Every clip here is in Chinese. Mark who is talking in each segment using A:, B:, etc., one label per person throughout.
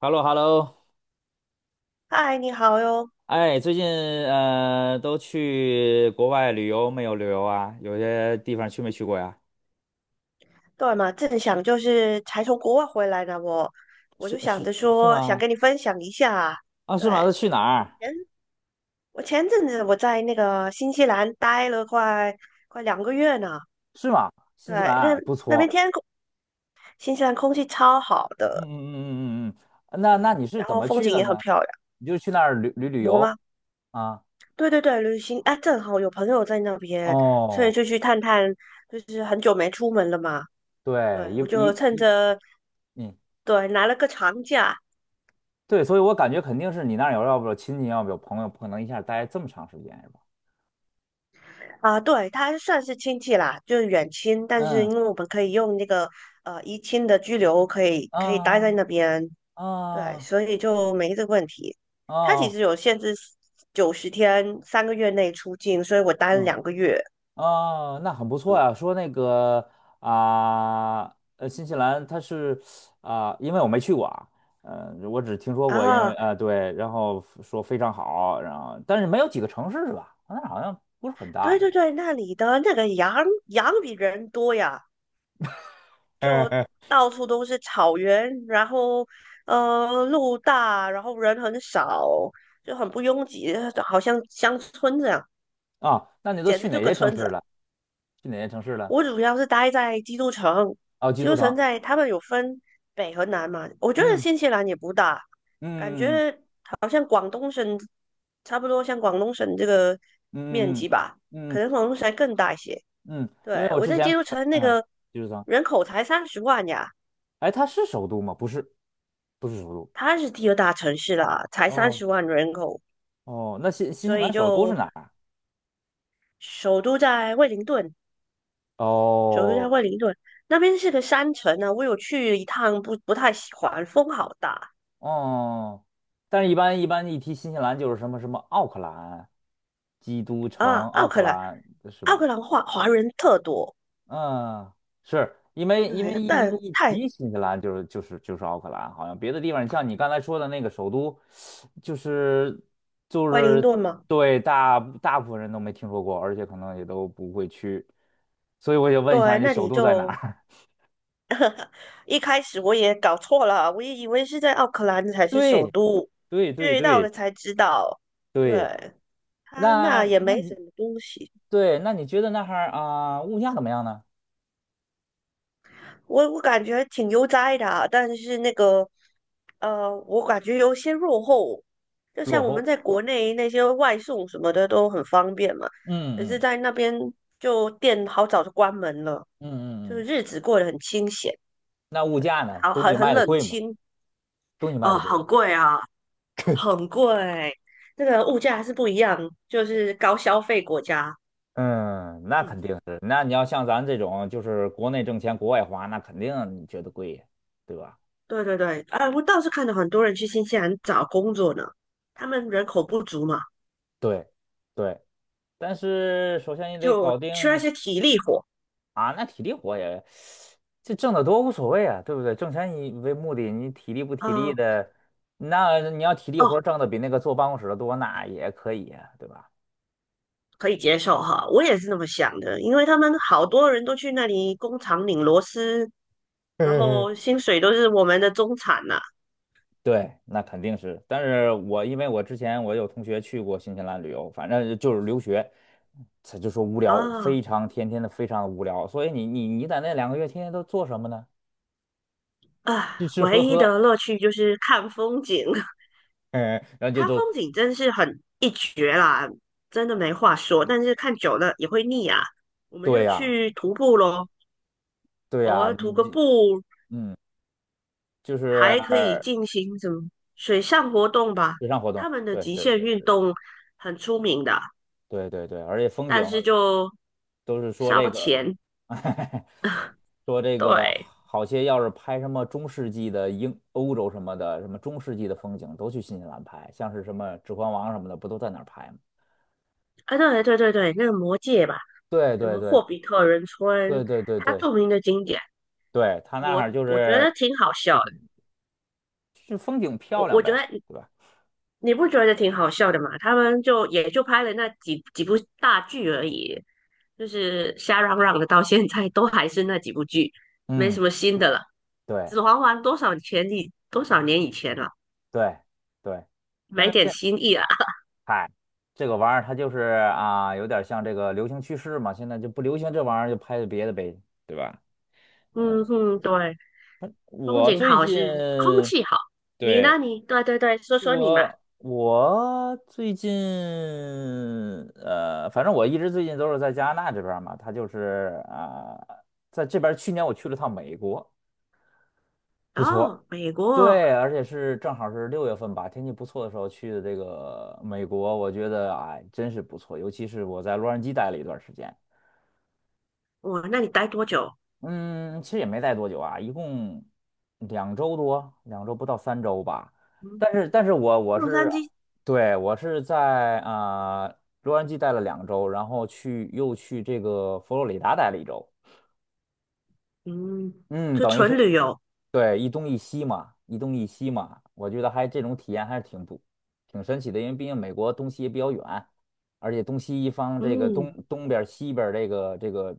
A: Hello Hello
B: 嗨，你好哟。
A: 哎，最近都去国外旅游没有旅游啊？有些地方去没去过呀？
B: 对嘛，正想就是才从国外回来呢，我
A: 是
B: 就想
A: 是
B: 着
A: 是
B: 说想
A: 吗？
B: 跟你分享一下啊。
A: 啊，
B: 对，
A: 是吗？都去哪儿？
B: 前我前阵子我在那个新西兰待了快两个月呢。
A: 是吗？
B: 对，
A: 新西
B: 那
A: 兰不
B: 那边
A: 错。
B: 天空，新西兰空气超好
A: 嗯
B: 的，
A: 嗯嗯嗯嗯。嗯，那
B: 对，
A: 那你是
B: 然
A: 怎
B: 后
A: 么
B: 风
A: 去
B: 景
A: 的
B: 也很
A: 呢？
B: 漂亮。
A: 你就去那儿旅旅旅
B: 我
A: 游
B: 吗？
A: 啊？
B: 对对对，旅行，哎，正好有朋友在那边，所以
A: 哦，
B: 就去探探，就是很久没出门了嘛。
A: 对，
B: 对，
A: 一
B: 我就
A: 一
B: 趁
A: 一，
B: 着
A: 嗯，
B: 对拿了个长假，
A: 对，所以我感觉肯定是你那儿有，要不有亲戚，要不有朋友，不可能一下待这么长时间是吧？
B: 啊，对，他算是亲戚啦，就是远亲，但是
A: 嗯
B: 因为我们可以用那个移亲的居留，可以待在
A: 啊
B: 那边，对，
A: 啊
B: 所以就没这个问题。
A: 啊
B: 他其实
A: 哦
B: 有限制90天，3个月内出境，所以我待了
A: 嗯。
B: 两个月
A: 啊，那很不错呀。说那个啊，新西兰它是啊，因为我没去过啊，我只听说过，因为
B: 啊。
A: 啊、对，然后说非常好，然后但是没有几个城市是吧？那好像不是很大
B: 对
A: 是
B: 对
A: 吧？
B: 对，那里的那个羊比人多呀，到处都是草原，然后路大，然后人很少，就很不拥挤，好像乡村这样，
A: 啊，那你都
B: 简直
A: 去哪
B: 就个
A: 些城
B: 村
A: 市
B: 子。
A: 了？去哪些城市了？
B: 我主要是待在基督城，
A: 哦，基
B: 基
A: 督
B: 督城
A: 城。
B: 在他们有分北和南嘛，我觉得
A: 嗯
B: 新西兰也不大，感
A: 嗯
B: 觉好像广东省差不多，像广东省这个面
A: 嗯嗯
B: 积吧，
A: 嗯
B: 可
A: 嗯
B: 能广东省还更大一些。
A: 嗯。嗯，因为
B: 对，
A: 我
B: 我
A: 之
B: 在基
A: 前
B: 督
A: 看，
B: 城那
A: 嗯，
B: 个
A: 基督城，
B: 人口才三十万呀，
A: 哎，它是首都吗？不是，不是首都。
B: 它是第二大城市啦，才三
A: 哦。
B: 十万人口，
A: 哦，那新西
B: 所以
A: 兰首都是
B: 就
A: 哪儿？
B: 首都在惠灵顿，首都在
A: 哦。
B: 惠灵顿那边是个山城呢，我有去一趟不太喜欢，风好大。
A: 哦，但是一般一提新西兰就是什么什么奥克兰、基督
B: 啊，
A: 城、奥
B: 奥
A: 克
B: 克兰，
A: 兰是
B: 奥
A: 吧？
B: 克兰华人特多，
A: 嗯，是因为
B: 对，
A: 一
B: 但
A: 一一
B: 太
A: 提新西兰就是奥克兰，好像别的地方，像你刚才说的那个首都，就是就
B: 惠灵
A: 是
B: 顿嘛，
A: 对大部分人都没听说过，而且可能也都不会去，所以我也问一下
B: 对，
A: 你
B: 那
A: 首
B: 里
A: 都在哪
B: 就
A: 儿？
B: 一开始我也搞错了，我也以为是在奥克兰才 是首
A: 对
B: 都，
A: 对对
B: 去到
A: 对
B: 了才知道，
A: 对。
B: 对，他那
A: 那
B: 也没什么东西，
A: 对，那你觉得那哈儿啊、物价怎么样呢？
B: 我感觉挺悠哉的啊，但是那个，我感觉有些落后，就
A: 落
B: 像我
A: 后。
B: 们在国内那些外送什么的都很方便嘛，
A: 嗯
B: 可是
A: 嗯
B: 在那边就店好早就关门了。
A: 嗯
B: 就是
A: 嗯嗯。
B: 日子过得很清闲，
A: 那物
B: 对，
A: 价呢？
B: 好
A: 东西
B: 很
A: 卖的
B: 冷
A: 贵吗？
B: 清
A: 东西卖
B: 哦，
A: 的贵吗？
B: 很贵啊，很贵，这个物价还是不一样，就是高消费国家，
A: 嗯，那
B: 嗯，
A: 肯定是。那你要像咱这种，就是国内挣钱，国外花，那肯定你觉得贵呀，对吧？
B: 对对对，啊，我倒是看到很多人去新西兰找工作呢，他们人口不足嘛，
A: 对对，但是首先你得
B: 就
A: 搞定。
B: 缺一些体力活，
A: 啊，那体力活也，这挣得多无所谓啊，对不对？挣钱以为目的，你体力不体力
B: 啊，
A: 的，那你要体力
B: 哦，
A: 活儿挣的比那个坐办公室的多，那也可以啊，对吧？
B: 可以接受哈，我也是那么想的，因为他们好多人都去那里工厂拧螺丝，然
A: 嗯嗯，
B: 后薪水都是我们的中产呐、
A: 对，那肯定是。但是我因为我之前我有同学去过新西兰旅游，反正就是留学，他就说无聊，非
B: 啊，
A: 常天天的非常的无聊。所以你在那2个月天天都做什么呢？吃
B: 啊，
A: 吃喝
B: 唯一
A: 喝。
B: 的乐趣就是看风景，
A: 嗯，然后就
B: 它
A: 就
B: 风景真是很一绝啦，真的没话说。但是看久了也会腻啊，我们
A: 对
B: 就
A: 呀、
B: 去徒步咯，
A: 对
B: 偶
A: 呀、
B: 尔徒
A: 你
B: 个
A: 这
B: 步，
A: 嗯就是。
B: 还可以进行什么水上活动吧。
A: 水上活动，
B: 他们的
A: 对
B: 极
A: 对
B: 限
A: 对
B: 运
A: 对
B: 动很出名的，
A: 对对对，而且风景
B: 但是就
A: 都是说这
B: 烧
A: 个。
B: 钱。
A: 说这个
B: 对，
A: 好些要是拍什么中世纪的欧洲什么的，什么中世纪的风景都去新西兰拍，像是什么《指环王》什么的，不都在那儿拍吗？
B: 啊，对对对对，那个魔界吧，
A: 对
B: 什
A: 对
B: 么
A: 对
B: 霍比特人村，
A: 对对对
B: 它
A: 对
B: 著名的景点，
A: 对，他那儿
B: 我
A: 就
B: 我觉
A: 是
B: 得挺好
A: 就
B: 笑。
A: 是风景漂
B: 我
A: 亮
B: 我觉
A: 呗，
B: 得你
A: 对吧？
B: 你不觉得挺好笑的吗？他们就也就拍了那几部大剧而已，就是瞎嚷嚷的，到现在都还是那几部剧，没
A: 嗯，
B: 什么新的了。
A: 对
B: 指环王多少前以多少年以前了，
A: 对对，但
B: 没
A: 是。
B: 点新意啊。
A: 嗨，这个玩意儿它就是啊，有点像这个流行趋势嘛，现在就不流行这玩意儿，就拍别的呗，对吧？
B: 嗯哼，对，风
A: 我
B: 景
A: 最
B: 好
A: 近，
B: 是空气好。你
A: 对，
B: 呢？你对对对，说说你嘛。
A: 我最近，反正我一直最近都是在加拿大这边儿嘛，他就是啊、在这边儿去年我去了趟美国，不错。
B: 哦，美国，
A: 对，而且是正好是六月份吧，天气不错的时候去的这个美国，我觉得哎，真是不错，尤其是我在洛杉矶待了一段时间。
B: 哇，那你待多久？
A: 嗯，其实也没待多久啊，一共2周多，两周不到3周吧。
B: 嗯，
A: 但是我
B: 洛
A: 是，
B: 杉矶，
A: 对，我是在啊、洛杉矶待了两周，然后又去这个佛罗里达待了一周。
B: 嗯，
A: 嗯，
B: 就
A: 等于是
B: 纯旅游。
A: 对，一东一西嘛，一东一西嘛，我觉得还这种体验还是挺不挺神奇的，因为毕竟美国东西也比较远，而且东西一方这个
B: 嗯，
A: 东边儿西边儿这个，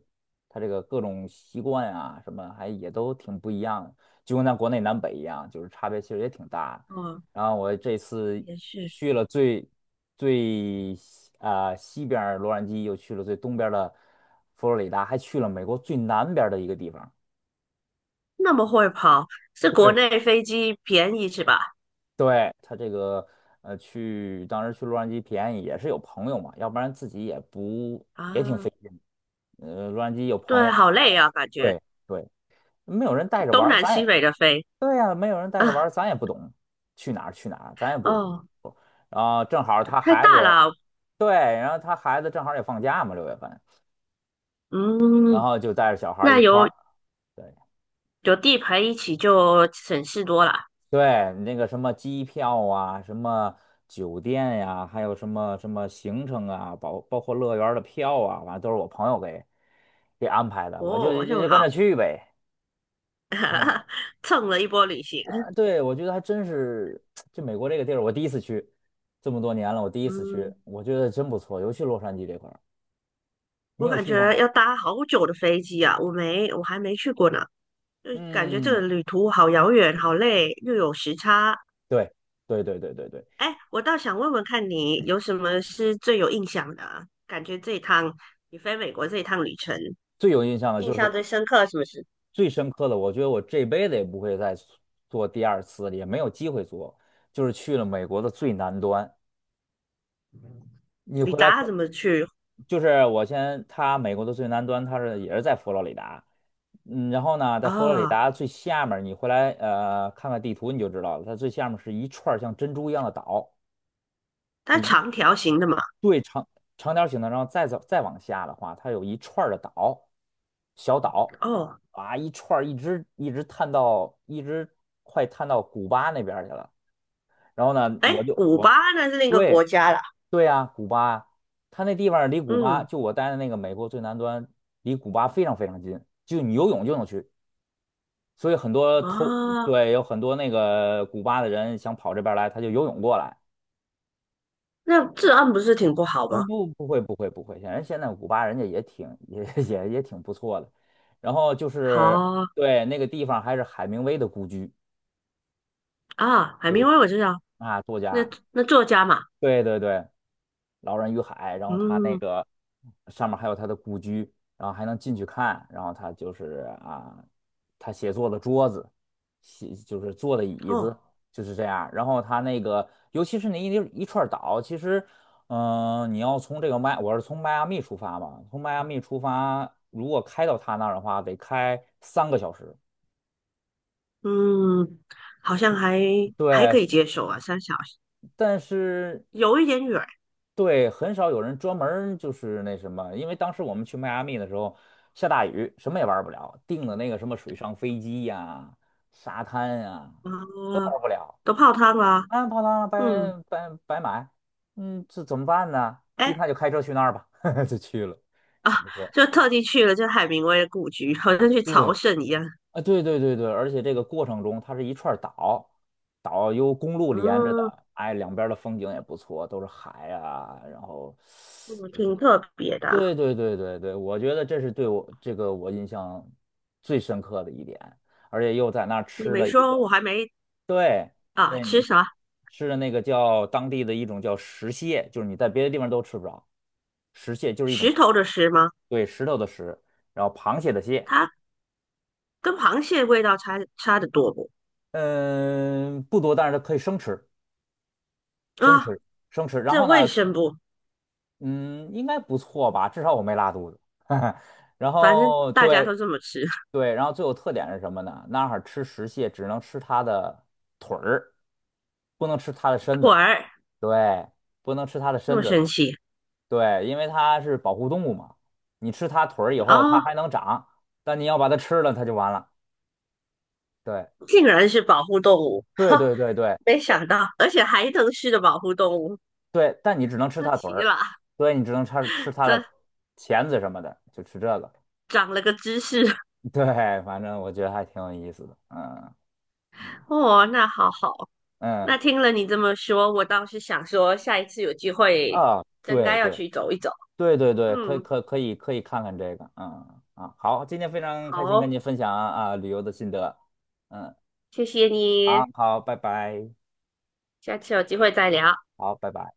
A: 它这个各种习惯啊什么还也都挺不一样的，就跟咱国内南北一样，就是差别其实也挺大的。
B: 哦，
A: 然后我这次
B: 也是。
A: 去了最西啊、西边儿洛杉矶，又去了最东边儿的佛罗里达，还去了美国最南边儿的一个地方。
B: 那么会跑，是国
A: 对。
B: 内飞机便宜是吧？
A: 对，他这个当时去洛杉矶便宜也是有朋友嘛，要不然自己也不也挺
B: 啊，
A: 费劲的洛杉矶有朋
B: 对，
A: 友，
B: 好
A: 然
B: 累
A: 后
B: 啊，感觉
A: 对对，没有人带着玩
B: 东
A: 儿
B: 南
A: 咱
B: 西
A: 也
B: 北的飞
A: 对呀、没有人带着玩
B: 啊，
A: 儿咱也不懂去哪儿去哪儿，咱也不
B: 哦，
A: 不。然后正好他
B: 太
A: 孩子
B: 大
A: 也
B: 了，
A: 对，然后他孩子正好也放假嘛，六月份，然
B: 嗯，
A: 后就带着小孩儿
B: 那
A: 一块
B: 有
A: 儿。对。
B: 有地陪一起就省事多了。
A: 对，那个什么机票啊，什么酒店呀、还有什么什么行程啊，包括乐园儿的票啊，反正都是我朋友给安排的，我就
B: 哦，那么
A: 跟
B: 好，
A: 着去呗。
B: 蹭了一波旅行。
A: 啊，对，我觉得还真是，就美国这个地儿，我第一次去，这么多年了，我第一次去，
B: 嗯，
A: 我觉得真不错，尤其洛杉矶这块儿，你
B: 我
A: 有
B: 感
A: 去过
B: 觉
A: 吗？
B: 要搭好久的飞机啊，我还没去过呢，就感觉这
A: 嗯，
B: 个旅途好遥远，好累，又有时差，
A: 对，对对对对对，
B: 哎，我倒想问问看你有什么是最有印象的啊感觉这一趟你飞美国这一趟旅程，
A: 最有印象的
B: 印
A: 就是
B: 象
A: 我。
B: 最深刻的什么是？
A: 最深刻的，我觉得我这辈子也不会再做第二次了，也没有机会做。就是去了美国的最南端，你
B: 你
A: 回来可
B: 搭怎么去？
A: 就是我先，它美国的最南端，也是在佛罗里达，嗯，然后呢，在佛罗里
B: 哦，
A: 达最下面儿你回来看看地图你就知道了，它最下面是一串儿像珍珠一样的岛，
B: 它
A: 就一。
B: 长条形的嘛。
A: 对，长条形的，然后再走再往下的话，它有一串儿的岛，小岛
B: 哦，
A: 啊，一串儿一直探到一直快探到古巴那边儿去了。然后呢，
B: 哎，古巴
A: 我
B: 那是另一个
A: 对
B: 国家啦。
A: 对呀、古巴，它那地方离古巴
B: 嗯，
A: 就我待的那个美国最南端，离古巴非常非常近，就你游泳就能去。所以很多偷，
B: 啊，
A: 对，有很多那个古巴的人想跑这边儿来，他就游泳过来。
B: 那治安不是挺不好吗？
A: 嗯，不，不会，不会，不会。显然现在古巴人家也挺也 也挺不错的。然后就是
B: 好
A: 对那个地方还是海明威的故居，
B: 啊，海
A: 就是
B: 明威我知道，
A: 啊，作
B: 那
A: 家。
B: 那作家嘛。
A: 对对对，《老人与海》，然后他那
B: 嗯，
A: 个上面还有他的故居，然后还能进去看，然后他就是啊，他写作的桌子，就是坐的椅子
B: 哦，
A: 就是这样然后他那个尤其是那一串岛，其实你要从这个我是从迈阿密出发嘛，从迈阿密出发，如果开到他那儿的话，得开3个小时，
B: 嗯，好像还可
A: 对。
B: 以接受啊，3小时
A: 但是
B: 有一点远
A: 对，很少有人专门儿就是那什么，因为当时我们去迈阿密的时候下大雨，什么也玩不了，订的那个什么水上飞机呀、沙滩呀、
B: 啊。
A: 都
B: 哦
A: 玩不了，
B: 都泡汤啦、
A: 啊，泡汤了，白
B: 嗯，
A: 白白买，嗯，这怎么办呢？一
B: 哎
A: 看就开车去那儿吧，就去了，
B: 啊，
A: 挺不错。
B: 就特地去了这海明威的故居，好像去朝
A: 对，
B: 圣一样。
A: 啊，对对对对，而且这个过程中它是一串儿岛，岛由公路连着
B: 嗯，
A: 的，哎，两边儿的风景也不错，都是海啊，然后
B: 嗯挺特别的。
A: 对对对对对，我觉得这是对我我印象最深刻的一点，而且又在那儿
B: 你
A: 吃
B: 没
A: 了一
B: 说，
A: 个，
B: 我还没
A: 对
B: 啊，
A: 对，
B: 吃
A: 你
B: 啥？
A: 吃的那个叫当地的一种叫石蟹，就是你在别的地方都吃不着，石蟹就是一种
B: 石
A: 螃，
B: 头的石吗？
A: 对，石头的石，然后螃蟹的蟹，
B: 它跟螃蟹味道差得多不？
A: 嗯，不多，但是它可以生吃，生
B: 啊，
A: 吃，生吃。然
B: 这
A: 后
B: 卫
A: 呢，
B: 生不？
A: 嗯，应该不错吧，至少我没拉肚子。然
B: 反正
A: 后
B: 大家都
A: 对
B: 这么吃。
A: 对，然后最有特点是什么呢？那儿吃石蟹只能吃它的腿儿，不能吃它的身
B: 腿
A: 子。
B: 儿
A: 对，不能吃它的
B: 那
A: 身
B: 么神
A: 子。
B: 奇
A: 对，因为它是保护动物嘛，你吃它腿儿以后，它
B: 哦，
A: 还能长，但你要把它吃了，它就完了。对，
B: 竟然是保护动物，
A: 对
B: 哈，
A: 对对对
B: 没
A: 对
B: 想到，而且还能是的保护动物，
A: 对，但你只能吃
B: 这
A: 它腿
B: 奇
A: 儿，
B: 了，
A: 所以你只能吃吃它的
B: 这
A: 钳子什么的，就吃这个。
B: 长了个知识。
A: 对，反正我觉得还挺有意思的。嗯
B: 哦，那好好，
A: 嗯
B: 那听了你这么说，我倒是想说，下一次有机会
A: 啊，
B: 真
A: 对
B: 该要
A: 对
B: 去走一走。
A: 对对对，
B: 嗯，
A: 可以看看这个。嗯啊，好，今天非常
B: 好
A: 开心跟
B: 哦
A: 你分享啊旅游的心得。嗯，
B: 谢谢你，
A: 好好，拜拜，
B: 下次有机会再聊。
A: 好，拜拜。